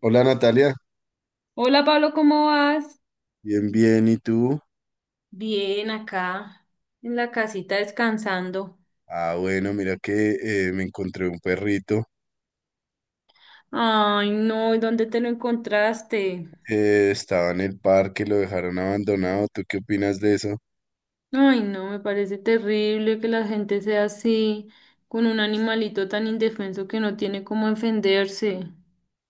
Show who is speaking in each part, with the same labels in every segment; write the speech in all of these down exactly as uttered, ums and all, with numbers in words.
Speaker 1: Hola Natalia,
Speaker 2: Hola Pablo, ¿cómo vas?
Speaker 1: bien, bien, ¿y tú?
Speaker 2: Bien, acá en la casita descansando.
Speaker 1: Ah, bueno, mira que eh, me encontré un perrito.
Speaker 2: Ay, no, ¿y dónde te lo encontraste?
Speaker 1: Eh, estaba en el parque, lo dejaron abandonado. ¿Tú qué opinas de eso?
Speaker 2: Ay, no, me parece terrible que la gente sea así, con un animalito tan indefenso que no tiene cómo defenderse.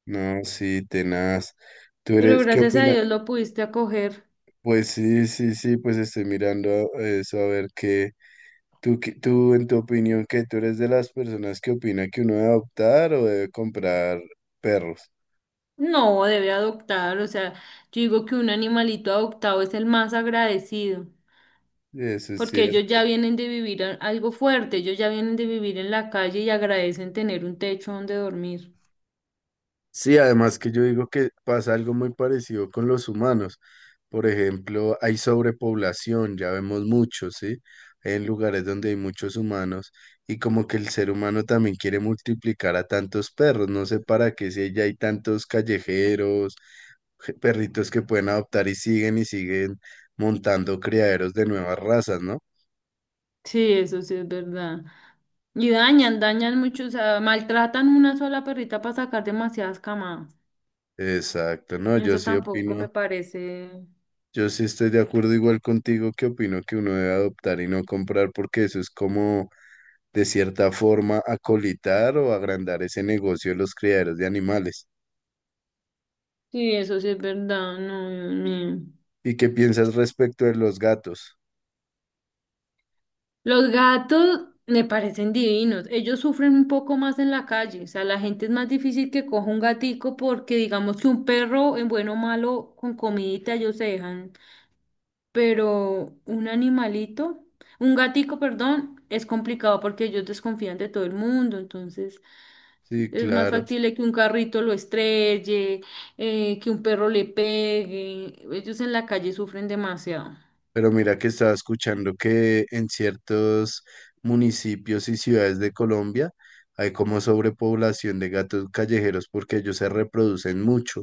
Speaker 1: No, sí, tenaz. ¿Tú
Speaker 2: Pero
Speaker 1: eres, ¿qué
Speaker 2: gracias a
Speaker 1: opinas?
Speaker 2: Dios lo pudiste acoger.
Speaker 1: Pues sí, sí, sí, pues estoy mirando a- eso, a ver qué. Tú, qué- tú en tu opinión, ¿qué? ¿Tú eres de las personas que opina que uno debe adoptar o debe comprar perros?
Speaker 2: No, debe adoptar, o sea, yo digo que un animalito adoptado es el más agradecido,
Speaker 1: Eso es
Speaker 2: porque ellos
Speaker 1: cierto.
Speaker 2: ya vienen de vivir a- algo fuerte, ellos ya vienen de vivir en la calle y agradecen tener un techo donde dormir.
Speaker 1: Sí, además que yo digo que pasa algo muy parecido con los humanos. Por ejemplo, hay sobrepoblación, ya vemos muchos, ¿sí? En lugares donde hay muchos humanos y como que el ser humano también quiere multiplicar a tantos perros, no sé para qué, si ya hay tantos callejeros, je- perritos que pueden adoptar y siguen y siguen montando criaderos de nuevas razas, ¿no?
Speaker 2: Sí, eso sí es verdad. Y dañan, dañan mucho, o sea, maltratan una sola perrita para sacar demasiadas camadas.
Speaker 1: Exacto, no, yo
Speaker 2: Eso
Speaker 1: sí
Speaker 2: tampoco
Speaker 1: opino.
Speaker 2: me parece.
Speaker 1: Yo sí estoy de acuerdo igual contigo que opino que uno debe adoptar y no comprar porque eso es como de cierta forma acolitar o agrandar ese negocio de los criaderos de animales.
Speaker 2: Sí, eso sí es verdad, no, Dios mío.
Speaker 1: ¿Y qué piensas respecto de los gatos?
Speaker 2: Los gatos me parecen divinos. Ellos sufren un poco más en la calle. O sea, la gente es más difícil que coja un gatico porque digamos que un perro en bueno o malo con comidita ellos se dejan, pero un animalito, un gatico, perdón, es complicado porque ellos desconfían de todo el mundo, entonces
Speaker 1: Sí,
Speaker 2: es más
Speaker 1: claro.
Speaker 2: factible que un carrito lo estrelle, eh, que un perro le pegue, ellos en la calle sufren demasiado.
Speaker 1: Pero mira que estaba escuchando que en ciertos municipios y ciudades de Colombia hay como sobrepoblación de gatos callejeros porque ellos se reproducen mucho.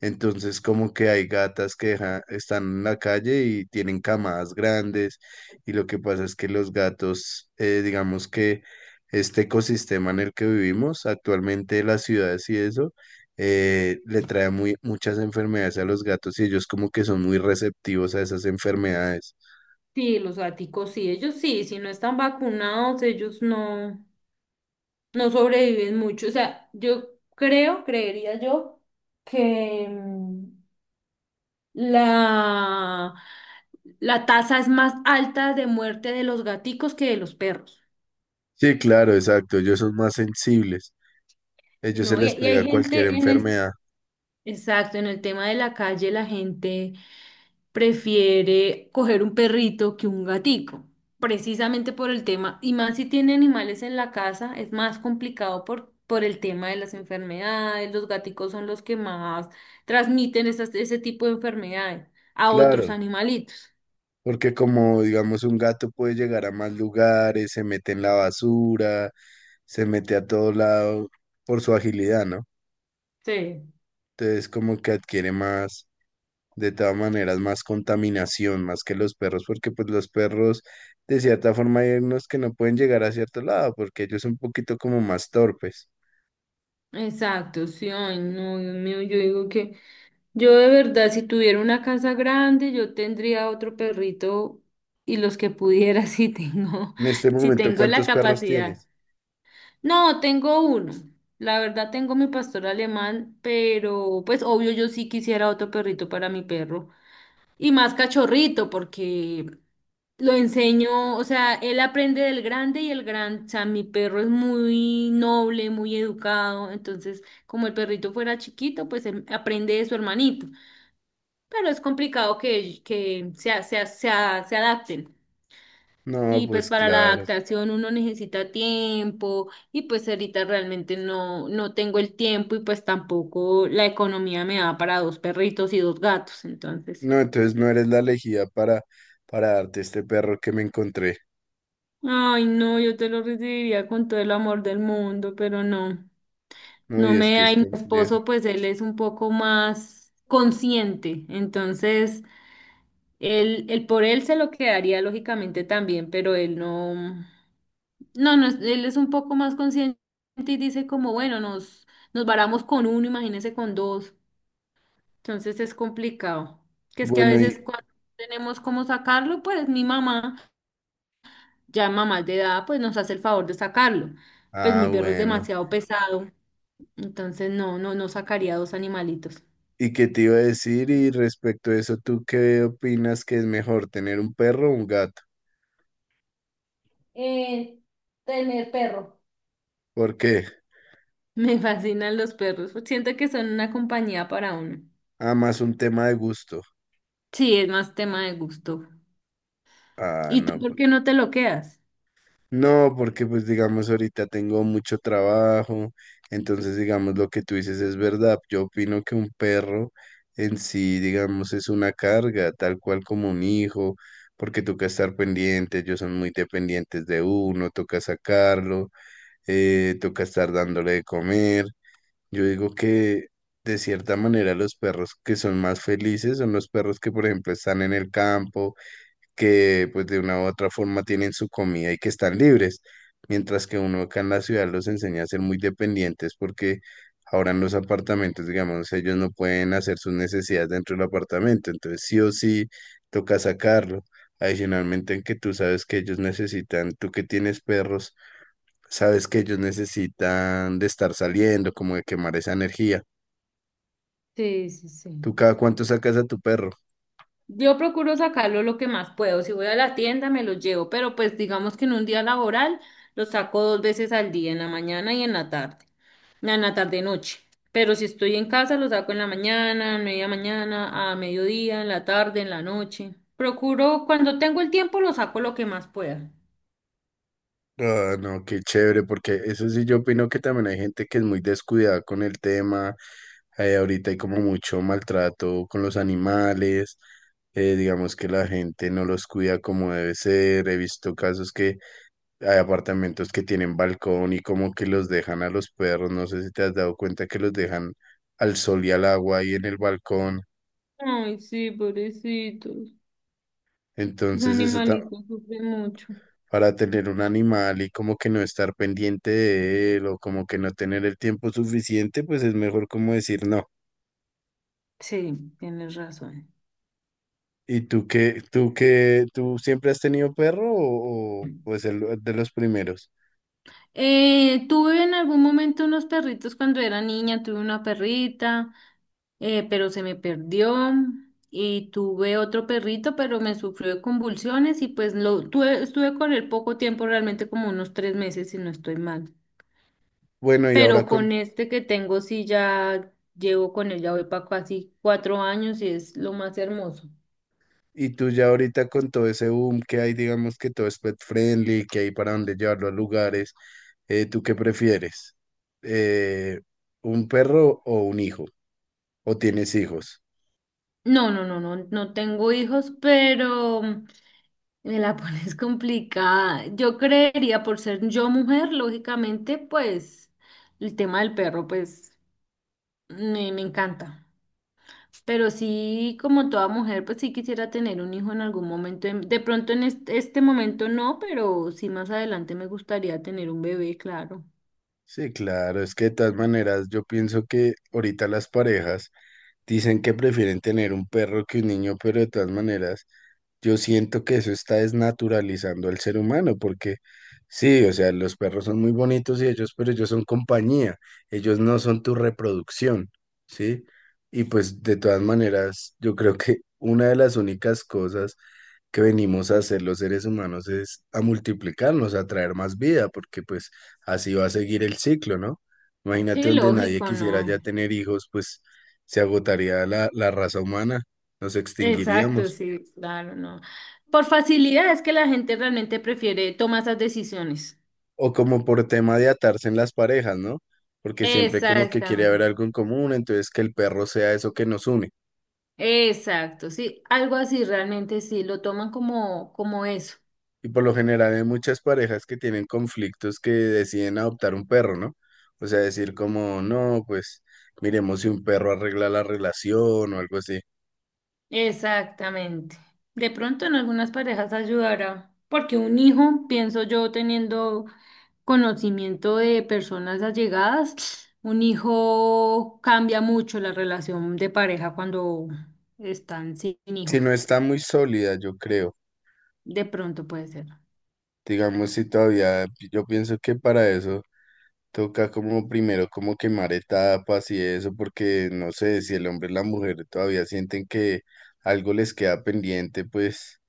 Speaker 1: Entonces, como que hay gatas que deja- están en la calle y tienen camadas grandes, y lo que pasa es que los gatos, eh, digamos que este ecosistema en el que vivimos actualmente, las ciudades y eso, eh, le trae muy, muchas enfermedades a los gatos y ellos como que son muy receptivos a esas enfermedades.
Speaker 2: Sí, los gaticos sí, ellos sí, si no están vacunados, ellos no, no sobreviven mucho. O sea, yo creo, creería yo, que... mm, la, la tasa es más alta de muerte de los gaticos que de los perros.
Speaker 1: Sí, claro, exacto, ellos son más sensibles, ellos se
Speaker 2: No, y,
Speaker 1: les
Speaker 2: y hay
Speaker 1: pega cualquier
Speaker 2: gente en el,
Speaker 1: enfermedad.
Speaker 2: exacto, en el tema de la calle, la gente prefiere coger un perrito que un gatico, precisamente por el tema, y más si tiene animales en la casa, es más complicado por, por el tema de las enfermedades. Los gaticos son los que más transmiten esas- ese tipo de enfermedades a otros
Speaker 1: Claro.
Speaker 2: animalitos.
Speaker 1: Porque como digamos un gato puede llegar a más lugares, se mete en la basura, se mete a todo lado por su agilidad, ¿no?
Speaker 2: Sí.
Speaker 1: Entonces como que adquiere más, de todas maneras, más contaminación, más que los perros, porque pues los perros de cierta forma hay unos que no pueden llegar a cierto lado, porque ellos son un poquito como más torpes.
Speaker 2: Exacto, sí, ay, no, Dios mío, yo digo que yo de verdad, si tuviera una casa grande, yo tendría otro perrito y los que pudiera, si tengo,
Speaker 1: En este
Speaker 2: si
Speaker 1: momento,
Speaker 2: tengo la
Speaker 1: ¿cuántos perros
Speaker 2: capacidad.
Speaker 1: tienes?
Speaker 2: No, tengo uno. La verdad, tengo mi pastor alemán, pero pues obvio, yo sí quisiera otro perrito para mi perro y más cachorrito, porque lo enseño, o sea, él aprende del grande y el gran, o sea, mi perro es muy noble, muy educado, entonces como el perrito fuera chiquito, pues él aprende de su hermanito, pero es complicado que, que se, a- se, a- se, a- se adapten.
Speaker 1: No,
Speaker 2: Y pues
Speaker 1: pues
Speaker 2: para la
Speaker 1: claro.
Speaker 2: adaptación uno necesita tiempo y pues ahorita realmente no, no tengo el tiempo y pues tampoco la economía me da para dos perritos y dos gatos, entonces.
Speaker 1: No, entonces no eres la elegida para, para darte este perro que me encontré.
Speaker 2: Ay, no, yo te lo recibiría con todo el amor del mundo, pero no.
Speaker 1: No,
Speaker 2: No
Speaker 1: y es que
Speaker 2: me
Speaker 1: es
Speaker 2: hay mi
Speaker 1: complejo.
Speaker 2: esposo, pues él es un poco más consciente, entonces él, él por él se lo quedaría lógicamente también, pero él no, no, no, es- él es un poco más consciente y dice como, bueno, nos, nos varamos con uno, imagínese con dos, entonces es complicado, que es que a
Speaker 1: Bueno,
Speaker 2: veces
Speaker 1: y...
Speaker 2: cuando no tenemos cómo sacarlo, pues mi mamá, ya mamá de edad, pues nos hace el favor de sacarlo, pues
Speaker 1: Ah,
Speaker 2: mi perro es
Speaker 1: bueno.
Speaker 2: demasiado pesado, entonces no, no, no sacaría dos animalitos.
Speaker 1: ¿Y qué te iba a decir? Y respecto a eso, ¿tú qué opinas que es mejor, tener un perro o un gato?
Speaker 2: eh, tener perro.
Speaker 1: ¿Por qué?
Speaker 2: Me fascinan los perros. Siento que son una compañía para uno.
Speaker 1: Ah, más un tema de gusto.
Speaker 2: Sí, es más tema de gusto.
Speaker 1: Ah,
Speaker 2: ¿Y tú
Speaker 1: no. po-
Speaker 2: por qué no te lo quedas?
Speaker 1: No, porque pues digamos ahorita tengo mucho trabajo, entonces digamos lo que tú dices es verdad. Yo opino que un perro en sí, digamos, es una carga, tal cual como un hijo, porque toca estar pendiente, ellos son muy dependientes de uno, toca sacarlo. Eh, toca estar dándole de comer. Yo digo que de cierta manera los perros que son más felices son los perros que, por ejemplo, están en el campo, que pues de una u otra forma tienen su comida y que están libres, mientras que uno acá en la ciudad los enseña a ser muy dependientes porque ahora en los apartamentos, digamos, ellos no pueden hacer sus necesidades dentro del apartamento, entonces sí o sí toca sacarlo. Adicionalmente en que tú sabes que ellos necesitan, tú que tienes perros, sabes que ellos necesitan de estar saliendo, como de quemar esa energía.
Speaker 2: Sí, sí, sí.
Speaker 1: ¿Tú cada cuánto sacas a tu perro?
Speaker 2: Yo procuro sacarlo lo que más puedo. Si voy a la tienda, me lo llevo, pero pues digamos que en un día laboral lo saco dos veces al día, en la mañana y en la tarde, en la tarde noche. Pero si estoy en casa, lo saco en la mañana, media mañana, a mediodía, en la tarde, en la noche. Procuro, cuando tengo el tiempo, lo saco lo que más pueda.
Speaker 1: Ah, no, qué chévere, porque eso sí yo opino que también hay gente que es muy descuidada con el tema. Eh, ahorita hay como mucho maltrato con los animales. Eh, digamos que la gente no los cuida como debe ser. He visto casos que hay apartamentos que tienen balcón y como que los dejan a los perros. No sé si te has dado cuenta que los dejan al sol y al agua ahí en el balcón.
Speaker 2: Ay, sí, pobrecitos. Los
Speaker 1: Entonces, eso, ta-
Speaker 2: animalitos sufren mucho.
Speaker 1: para tener un animal y como que no estar pendiente de él o como que no tener el tiempo suficiente, pues es mejor como decir no.
Speaker 2: Sí, tienes razón.
Speaker 1: ¿Y tú qué, tú qué, tú siempre has tenido perro o, o, pues el de los primeros?
Speaker 2: Eh, tuve en algún momento unos perritos cuando era niña, tuve una perrita, eh, pero se me perdió y tuve otro perrito, pero me sufrió de convulsiones y pues lo tuve, estuve con él poco tiempo, realmente como unos tres meses si no estoy mal.
Speaker 1: Bueno, y
Speaker 2: Pero
Speaker 1: ahora con,
Speaker 2: con este que tengo sí ya llevo con él, ya voy para casi cuatro años y es lo más hermoso.
Speaker 1: y tú ya ahorita con todo ese boom que hay, digamos que todo es pet friendly, que hay para dónde llevarlo a lugares, eh, ¿tú qué prefieres? Eh, ¿Un perro o un hijo? ¿O tienes hijos?
Speaker 2: No, no, no, no, no tengo hijos, pero me la pones complicada. Yo creería, por ser yo mujer, lógicamente, pues el tema del perro, pues me, me encanta. Pero sí, como toda mujer, pues sí quisiera tener un hijo en algún momento. en- De pronto en este, este momento no, pero sí más adelante me gustaría tener un bebé, claro.
Speaker 1: Sí, claro, es que de todas maneras yo pienso que ahorita las parejas dicen que prefieren tener un perro que un niño, pero de todas maneras yo siento que eso está desnaturalizando al ser humano, porque sí, o sea, los perros son muy bonitos y ellos, pero ellos son compañía, ellos no son tu reproducción, ¿sí? Y pues de todas maneras, yo creo que una de las únicas cosas que venimos a hacer los seres humanos es a multiplicarnos, a traer más vida, porque pues así va a seguir el ciclo, ¿no? Imagínate
Speaker 2: Sí,
Speaker 1: donde nadie
Speaker 2: lógico,
Speaker 1: quisiera
Speaker 2: no.
Speaker 1: ya tener hijos, pues se agotaría la, la raza humana, nos
Speaker 2: Exacto,
Speaker 1: extinguiríamos.
Speaker 2: sí, claro, no. Por facilidad es que la gente realmente prefiere tomar esas decisiones.
Speaker 1: O como por tema de atarse en las parejas, ¿no? Porque siempre como que quiere
Speaker 2: Exactamente.
Speaker 1: haber algo en común, entonces que el perro sea eso que nos une.
Speaker 2: Exacto, sí, algo así realmente sí, lo toman como, como eso.
Speaker 1: Y por lo general hay muchas parejas que tienen conflictos que deciden adoptar un perro, ¿no? O sea, decir como, no, pues miremos si un perro arregla la relación o algo así.
Speaker 2: Exactamente. De pronto en algunas parejas ayudará, porque un hijo, pienso yo, teniendo conocimiento de personas allegadas, un hijo cambia mucho la relación de pareja cuando están sin
Speaker 1: Si no
Speaker 2: hijos.
Speaker 1: está muy sólida, yo creo.
Speaker 2: De pronto puede ser.
Speaker 1: Digamos, si todavía, yo pienso que para eso. Toca como primero como quemar etapas y eso, porque no sé si el hombre y la mujer todavía sienten que algo les queda pendiente, pues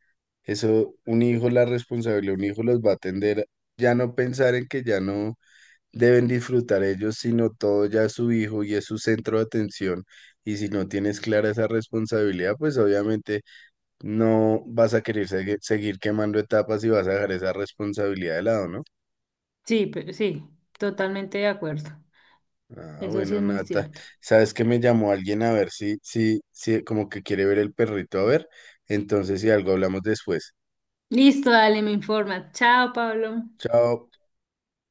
Speaker 1: eso un hijo, la responsabilidad, un hijo los va a atender, ya no pensar en que ya no deben disfrutar ellos, sino todo ya es su hijo y es su centro de atención. Y si no tienes clara esa responsabilidad, pues obviamente no vas a querer segui- seguir quemando etapas y vas a dejar esa responsabilidad de lado, ¿no?
Speaker 2: Sí, pero sí, totalmente de acuerdo.
Speaker 1: Ah,
Speaker 2: Eso sí
Speaker 1: bueno,
Speaker 2: es muy
Speaker 1: Nata,
Speaker 2: cierto.
Speaker 1: sabes que me llamó alguien a ver si, si, si, como que quiere ver el perrito, a ver. Entonces, si algo hablamos después.
Speaker 2: Listo, dale, me informa. Chao, Pablo.
Speaker 1: Chao.